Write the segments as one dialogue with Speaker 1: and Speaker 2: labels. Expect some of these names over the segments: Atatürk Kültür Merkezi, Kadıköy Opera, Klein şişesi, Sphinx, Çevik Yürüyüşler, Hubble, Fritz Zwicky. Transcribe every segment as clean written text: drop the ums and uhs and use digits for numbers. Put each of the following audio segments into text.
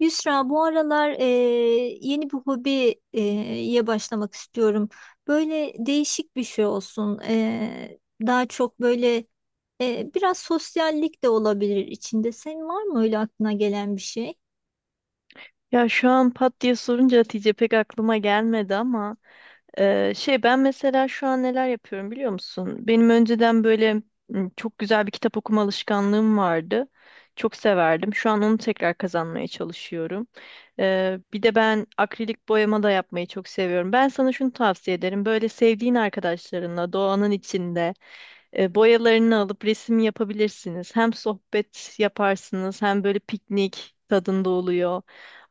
Speaker 1: Yusra, bu aralar yeni bir hobiye e, ye başlamak istiyorum. Böyle değişik bir şey olsun. Daha çok böyle biraz sosyallik de olabilir içinde. Senin var mı öyle aklına gelen bir şey?
Speaker 2: Ya şu an pat diye sorunca Hatice pek aklıma gelmedi ama şey ben mesela şu an neler yapıyorum biliyor musun? Benim önceden böyle çok güzel bir kitap okuma alışkanlığım vardı. Çok severdim. Şu an onu tekrar kazanmaya çalışıyorum. Bir de ben akrilik boyama da yapmayı çok seviyorum. Ben sana şunu tavsiye ederim. Böyle sevdiğin arkadaşlarınla doğanın içinde boyalarını alıp resim yapabilirsiniz. Hem sohbet yaparsınız hem böyle piknik tadında oluyor.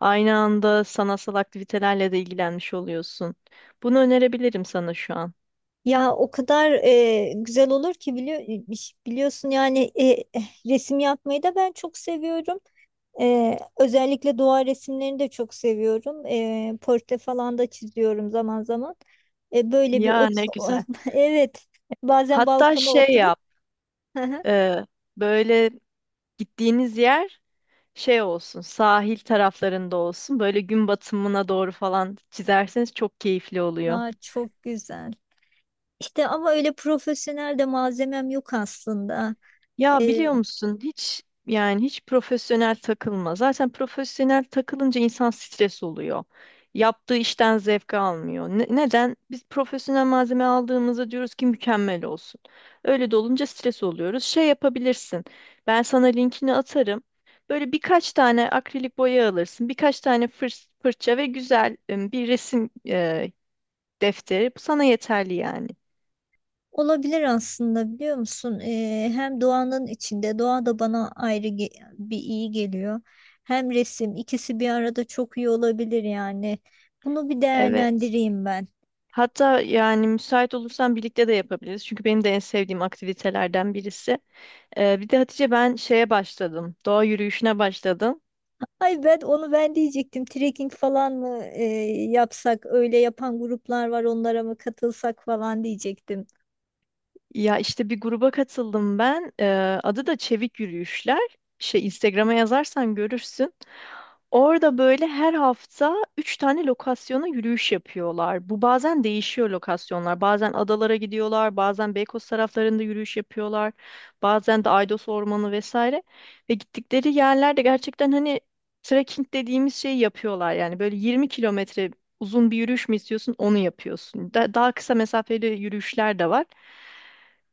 Speaker 2: Aynı anda sanatsal aktivitelerle de ilgilenmiş oluyorsun. Bunu önerebilirim sana şu an.
Speaker 1: Ya o kadar güzel olur ki biliyorsun yani resim yapmayı da ben çok seviyorum. Özellikle doğa resimlerini de çok seviyorum. Portre falan da çiziyorum zaman zaman. Böyle bir
Speaker 2: Ya
Speaker 1: ot
Speaker 2: ne güzel.
Speaker 1: evet, bazen
Speaker 2: Hatta
Speaker 1: balkona
Speaker 2: şey
Speaker 1: oturup
Speaker 2: yap, e, böyle gittiğiniz yer şey olsun, sahil taraflarında olsun. Böyle gün batımına doğru falan çizerseniz çok keyifli oluyor.
Speaker 1: Aa, çok güzel. İşte ama öyle profesyonel de malzemem yok aslında.
Speaker 2: Ya
Speaker 1: Ee,
Speaker 2: biliyor musun hiç yani hiç profesyonel takılma. Zaten profesyonel takılınca insan stres oluyor. Yaptığı işten zevk almıyor. Neden? Biz profesyonel malzeme aldığımızda diyoruz ki mükemmel olsun. Öyle de olunca stres oluyoruz. Şey yapabilirsin. Ben sana linkini atarım. Böyle birkaç tane akrilik boya alırsın. Birkaç tane fırça ve güzel bir resim defteri. Bu sana yeterli yani.
Speaker 1: Olabilir aslında, biliyor musun? Hem doğanın içinde doğa da bana bir iyi geliyor. Hem resim, ikisi bir arada çok iyi olabilir yani. Bunu bir
Speaker 2: Evet.
Speaker 1: değerlendireyim ben.
Speaker 2: Hatta yani müsait olursan birlikte de yapabiliriz. Çünkü benim de en sevdiğim aktivitelerden birisi. Bir de Hatice ben şeye başladım. Doğa yürüyüşüne başladım.
Speaker 1: Ay, ben onu ben diyecektim. Trekking falan mı yapsak? Öyle yapan gruplar var, onlara mı katılsak falan diyecektim.
Speaker 2: Ya işte bir gruba katıldım ben. Adı da Çevik Yürüyüşler. Şey Instagram'a yazarsan görürsün. Orada böyle her hafta üç tane lokasyona yürüyüş yapıyorlar. Bu bazen değişiyor lokasyonlar. Bazen adalara gidiyorlar, bazen Beykoz taraflarında yürüyüş yapıyorlar, bazen de Aydos Ormanı vesaire. Ve gittikleri yerlerde gerçekten hani trekking dediğimiz şeyi yapıyorlar. Yani böyle 20 kilometre uzun bir yürüyüş mü istiyorsun, onu yapıyorsun. Daha kısa mesafeli yürüyüşler de var.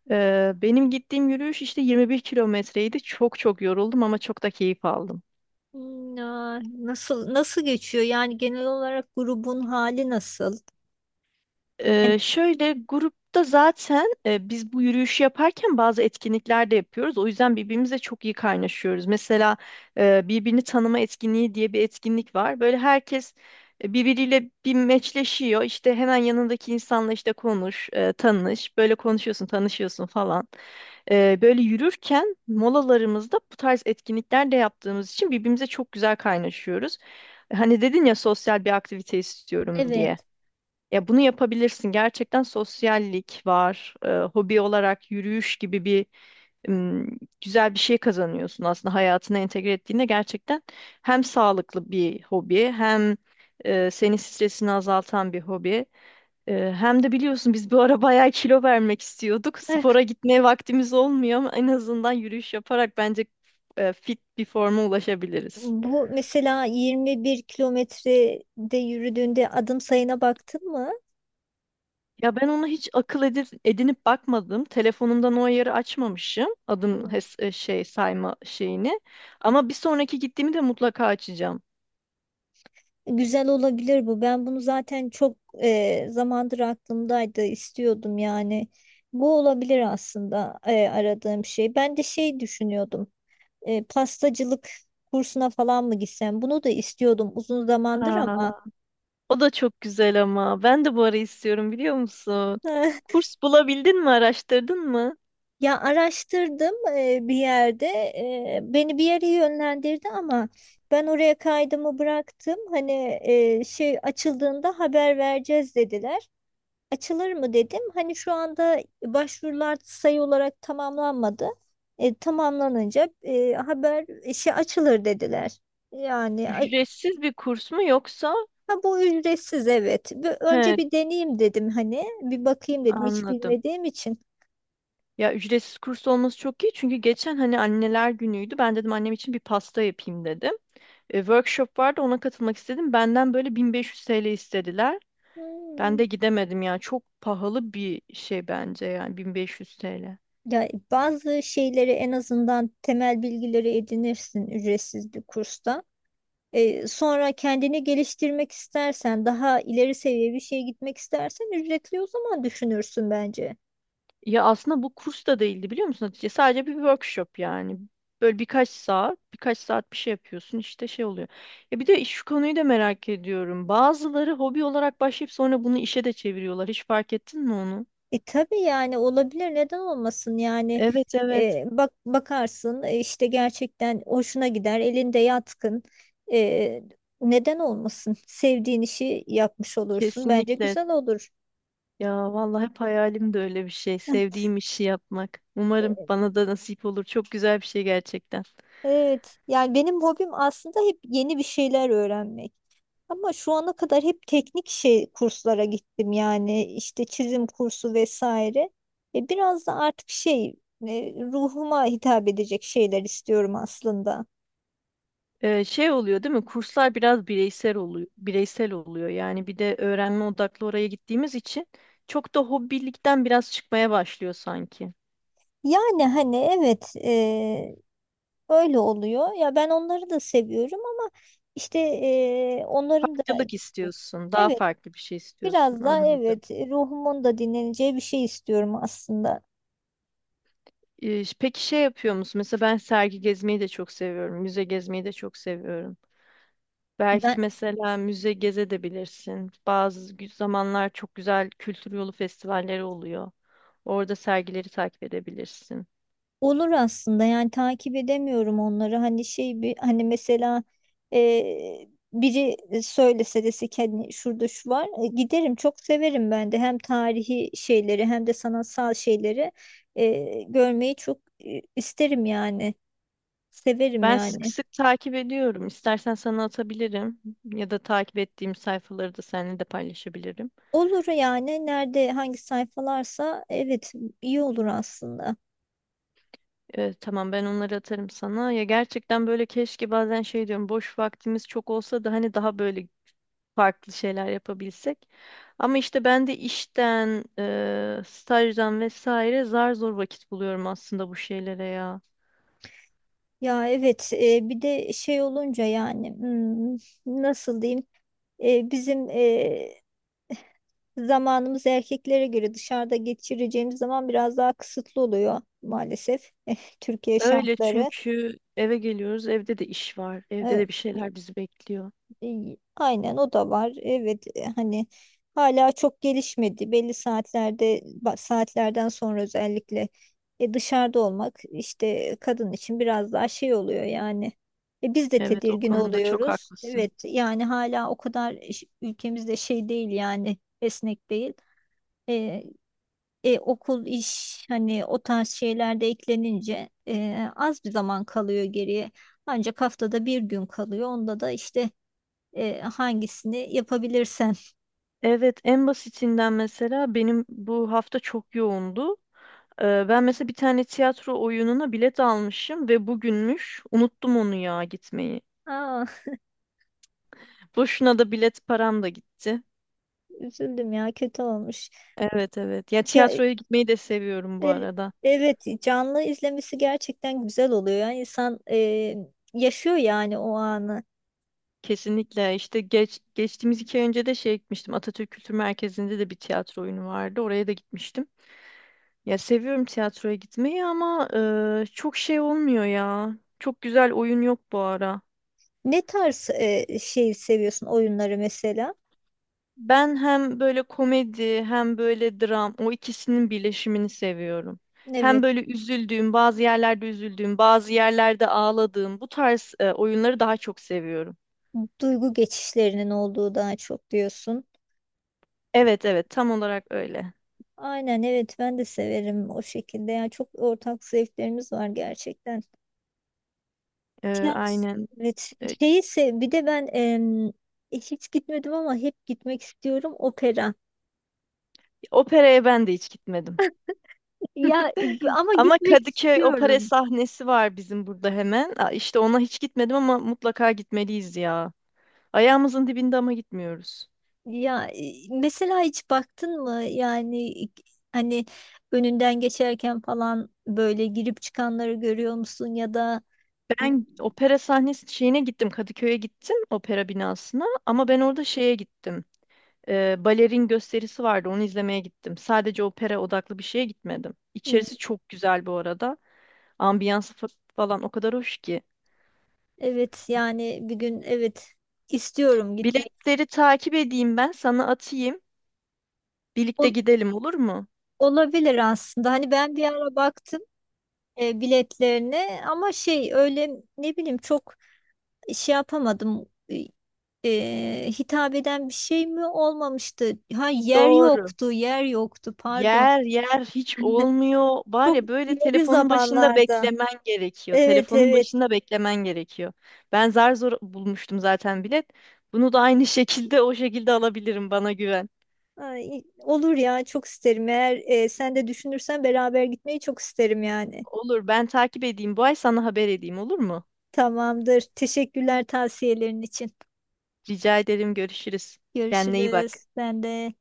Speaker 2: Benim gittiğim yürüyüş işte 21 kilometreydi. Çok çok yoruldum ama çok da keyif aldım.
Speaker 1: Nasıl nasıl geçiyor? Yani genel olarak grubun hali nasıl? Yani,
Speaker 2: Şöyle grupta zaten biz bu yürüyüşü yaparken bazı etkinlikler de yapıyoruz. O yüzden birbirimizle çok iyi kaynaşıyoruz. Mesela birbirini tanıma etkinliği diye bir etkinlik var. Böyle herkes birbiriyle bir meçleşiyor. İşte hemen yanındaki insanla işte konuş, tanış. Böyle konuşuyorsun, tanışıyorsun falan. Böyle yürürken molalarımızda bu tarz etkinlikler de yaptığımız için birbirimize çok güzel kaynaşıyoruz. Hani dedin ya sosyal bir aktivite istiyorum
Speaker 1: evet.
Speaker 2: diye. Ya bunu yapabilirsin. Gerçekten sosyallik var. Hobi olarak yürüyüş gibi bir ım, güzel bir şey kazanıyorsun aslında hayatına entegre ettiğinde gerçekten hem sağlıklı bir hobi hem senin stresini azaltan bir hobi. Hem de biliyorsun biz bu ara bayağı kilo vermek istiyorduk.
Speaker 1: Eh,
Speaker 2: Spora gitmeye vaktimiz olmuyor ama en azından yürüyüş yaparak bence fit bir forma ulaşabiliriz.
Speaker 1: Bu mesela 21 kilometrede yürüdüğünde adım sayına baktın mı?
Speaker 2: Ya ben onu hiç akıl edinip bakmadım. Telefonumdan o ayarı açmamışım. Adım
Speaker 1: Hmm.
Speaker 2: şey sayma şeyini. Ama bir sonraki gittiğimi de mutlaka açacağım.
Speaker 1: Güzel olabilir bu. Ben bunu zaten çok zamandır aklımdaydı, istiyordum yani. Bu olabilir aslında aradığım şey. Ben de şey düşünüyordum. Pastacılık kursuna falan mı gitsem? Bunu da istiyordum uzun zamandır
Speaker 2: Aa.
Speaker 1: ama
Speaker 2: O da çok güzel ama. Ben de bu ara istiyorum biliyor musun? Kurs bulabildin mi? Araştırdın mı?
Speaker 1: ya, araştırdım bir yerde. Beni bir yere yönlendirdi ama ben oraya kaydımı bıraktım. Hani şey açıldığında haber vereceğiz dediler. Açılır mı dedim. Hani şu anda başvurular sayı olarak tamamlanmadı. Tamamlanınca haber işi açılır dediler. Yani a-
Speaker 2: Ücretsiz bir kurs mu yoksa?
Speaker 1: ha, bu ücretsiz evet. Önce
Speaker 2: He,
Speaker 1: bir deneyeyim dedim hani. Bir bakayım dedim hiç
Speaker 2: anladım.
Speaker 1: bilmediğim için.
Speaker 2: Ya ücretsiz kurs olması çok iyi çünkü geçen hani anneler günüydü. Ben dedim annem için bir pasta yapayım dedim. Workshop vardı ona katılmak istedim. Benden böyle 1500 TL istediler. Ben
Speaker 1: Hmm.
Speaker 2: de gidemedim ya. Çok pahalı bir şey bence yani 1500 TL.
Speaker 1: Ya bazı şeyleri en azından temel bilgileri edinirsin ücretsiz bir kursta. Sonra kendini geliştirmek istersen, daha ileri seviye bir şeye gitmek istersen ücretli, o zaman düşünürsün bence.
Speaker 2: Ya aslında bu kurs da değildi biliyor musun Hatice? Sadece bir workshop yani. Böyle birkaç saat, birkaç saat bir şey yapıyorsun işte şey oluyor. Ya bir de şu konuyu da merak ediyorum. Bazıları hobi olarak başlayıp sonra bunu işe de çeviriyorlar. Hiç fark ettin mi onu?
Speaker 1: E tabii, yani olabilir, neden olmasın yani,
Speaker 2: Evet, evet.
Speaker 1: bak bakarsın işte gerçekten hoşuna gider, elinde yatkın. E, Neden olmasın, sevdiğin işi yapmış olursun, bence
Speaker 2: Kesinlikle.
Speaker 1: güzel olur.
Speaker 2: Ya vallahi hep hayalim de öyle bir şey. Sevdiğim işi yapmak.
Speaker 1: E,
Speaker 2: Umarım bana da nasip olur. Çok güzel bir şey gerçekten.
Speaker 1: Evet, yani benim hobim aslında hep yeni bir şeyler öğrenmek, ama şu ana kadar hep teknik şey kurslara gittim, yani işte çizim kursu vesaire. Biraz da artık şey, ruhuma hitap edecek şeyler istiyorum aslında.
Speaker 2: Şey oluyor değil mi? Kurslar biraz bireysel oluyor. Bireysel oluyor. Yani bir de öğrenme odaklı oraya gittiğimiz için çok da hobilikten biraz çıkmaya başlıyor sanki.
Speaker 1: Yani hani evet, öyle oluyor. Ya ben onları da seviyorum ama işte onların da
Speaker 2: Farklılık istiyorsun, daha
Speaker 1: evet,
Speaker 2: farklı bir şey istiyorsun.
Speaker 1: biraz daha
Speaker 2: Anladım.
Speaker 1: evet, ruhumun da dinleneceği bir şey istiyorum aslında.
Speaker 2: Peki şey yapıyor musun? Mesela ben sergi gezmeyi de çok seviyorum. Müze gezmeyi de çok seviyorum.
Speaker 1: Ben
Speaker 2: Belki mesela müze gezebilirsin. Zamanlar çok güzel kültür yolu festivalleri oluyor. Orada sergileri takip edebilirsin.
Speaker 1: olur aslında, yani takip edemiyorum onları. Hani şey, bir hani mesela biri söylese, dese ki hani şurada şu var. E, giderim, çok severim ben de hem tarihi şeyleri hem de sanatsal şeyleri görmeyi çok isterim yani. Severim
Speaker 2: Ben sık
Speaker 1: yani.
Speaker 2: sık takip ediyorum. İstersen sana atabilirim ya da takip ettiğim sayfaları da seninle de paylaşabilirim.
Speaker 1: Olur, yani nerede hangi sayfalarsa evet, iyi olur aslında.
Speaker 2: Tamam ben onları atarım sana. Ya gerçekten böyle keşke bazen şey diyorum boş vaktimiz çok olsa da hani daha böyle farklı şeyler yapabilsek. Ama işte ben de işten, stajdan vesaire zar zor vakit buluyorum aslında bu şeylere ya.
Speaker 1: Ya evet, bir de şey olunca yani, nasıl diyeyim, bizim zamanımız erkeklere göre, dışarıda geçireceğimiz zaman biraz daha kısıtlı oluyor maalesef. Türkiye
Speaker 2: Öyle
Speaker 1: şartları.
Speaker 2: çünkü eve geliyoruz, evde de iş var, evde
Speaker 1: E,
Speaker 2: de bir şeyler bizi bekliyor.
Speaker 1: Aynen, o da var. Evet, hani hala çok gelişmedi. Belli saatlerde saatlerden sonra özellikle dışarıda olmak işte kadın için biraz daha şey oluyor yani. Biz de
Speaker 2: Evet, o
Speaker 1: tedirgin
Speaker 2: konuda çok
Speaker 1: oluyoruz.
Speaker 2: haklısın.
Speaker 1: Evet, yani hala o kadar ülkemizde şey değil yani, esnek değil. E, Okul, iş, hani o tarz şeyler de eklenince az bir zaman kalıyor geriye. Ancak haftada bir gün kalıyor. Onda da işte hangisini yapabilirsen.
Speaker 2: Evet, en basitinden mesela benim bu hafta çok yoğundu. Ben mesela bir tane tiyatro oyununa bilet almışım ve bugünmüş. Unuttum onu ya gitmeyi.
Speaker 1: Aa,
Speaker 2: Boşuna da bilet param da gitti.
Speaker 1: üzüldüm ya, kötü olmuş.
Speaker 2: Evet, evet. Ya
Speaker 1: Ya,
Speaker 2: tiyatroya gitmeyi de seviyorum bu
Speaker 1: e,
Speaker 2: arada.
Speaker 1: evet, canlı izlemesi gerçekten güzel oluyor. Yani insan yaşıyor yani o anı.
Speaker 2: Kesinlikle. İşte geçtiğimiz iki ay önce de şey gitmiştim. Atatürk Kültür Merkezi'nde de bir tiyatro oyunu vardı. Oraya da gitmiştim. Ya seviyorum tiyatroya gitmeyi ama çok şey olmuyor ya. Çok güzel oyun yok bu ara.
Speaker 1: Ne tarz şey seviyorsun oyunları mesela?
Speaker 2: Ben hem böyle komedi hem böyle dram o ikisinin birleşimini seviyorum. Hem
Speaker 1: Evet.
Speaker 2: böyle üzüldüğüm, bazı yerlerde üzüldüğüm, bazı yerlerde ağladığım bu tarz oyunları daha çok seviyorum.
Speaker 1: Duygu geçişlerinin olduğu daha çok diyorsun.
Speaker 2: Evet evet tam olarak öyle.
Speaker 1: Aynen evet, ben de severim o şekilde. Yani çok ortak zevklerimiz var gerçekten.
Speaker 2: E,
Speaker 1: Tiyatro,
Speaker 2: aynen.
Speaker 1: evet.
Speaker 2: E,
Speaker 1: Bir de ben hiç gitmedim ama hep gitmek istiyorum, opera.
Speaker 2: operaya ben de hiç gitmedim.
Speaker 1: Ya ama
Speaker 2: Ama
Speaker 1: gitmek
Speaker 2: Kadıköy Opera
Speaker 1: istiyorum.
Speaker 2: sahnesi var bizim burada hemen. Aa, İşte ona hiç gitmedim ama mutlaka gitmeliyiz ya. Ayağımızın dibinde ama gitmiyoruz.
Speaker 1: Ya mesela hiç baktın mı yani, hani önünden geçerken falan böyle girip çıkanları görüyor musun, ya da
Speaker 2: Ben opera sahnesi şeyine gittim. Kadıköy'e gittim opera binasına ama ben orada şeye gittim. Balerin gösterisi vardı onu izlemeye gittim. Sadece opera odaklı bir şeye gitmedim.
Speaker 1: Hı,
Speaker 2: İçerisi çok güzel bu arada. Ambiyansı falan o kadar hoş ki.
Speaker 1: evet yani, bir gün evet, istiyorum gitmek.
Speaker 2: Biletleri takip edeyim ben sana atayım. Birlikte
Speaker 1: Ol-
Speaker 2: gidelim olur mu?
Speaker 1: Olabilir aslında. Hani ben bir ara baktım biletlerine ama şey, öyle ne bileyim, çok şey yapamadım. Hitap eden bir şey mi olmamıştı? Ha, yer
Speaker 2: Doğru.
Speaker 1: yoktu, yer yoktu. Pardon.
Speaker 2: Yer yer hiç olmuyor. Var
Speaker 1: Çok
Speaker 2: ya böyle
Speaker 1: ileri
Speaker 2: telefonun başında
Speaker 1: zamanlarda.
Speaker 2: beklemen gerekiyor.
Speaker 1: Evet,
Speaker 2: Telefonun
Speaker 1: evet.
Speaker 2: başında beklemen gerekiyor. Ben zar zor bulmuştum zaten bilet. Bunu da aynı şekilde o şekilde alabilirim bana güven.
Speaker 1: Ay olur ya, çok isterim. Eğer sen de düşünürsen beraber gitmeyi çok isterim yani.
Speaker 2: Olur ben takip edeyim. Bu ay sana haber edeyim olur mu?
Speaker 1: Tamamdır. Teşekkürler tavsiyelerin için.
Speaker 2: Rica ederim, görüşürüz. Kendine iyi bak.
Speaker 1: Görüşürüz. Ben de.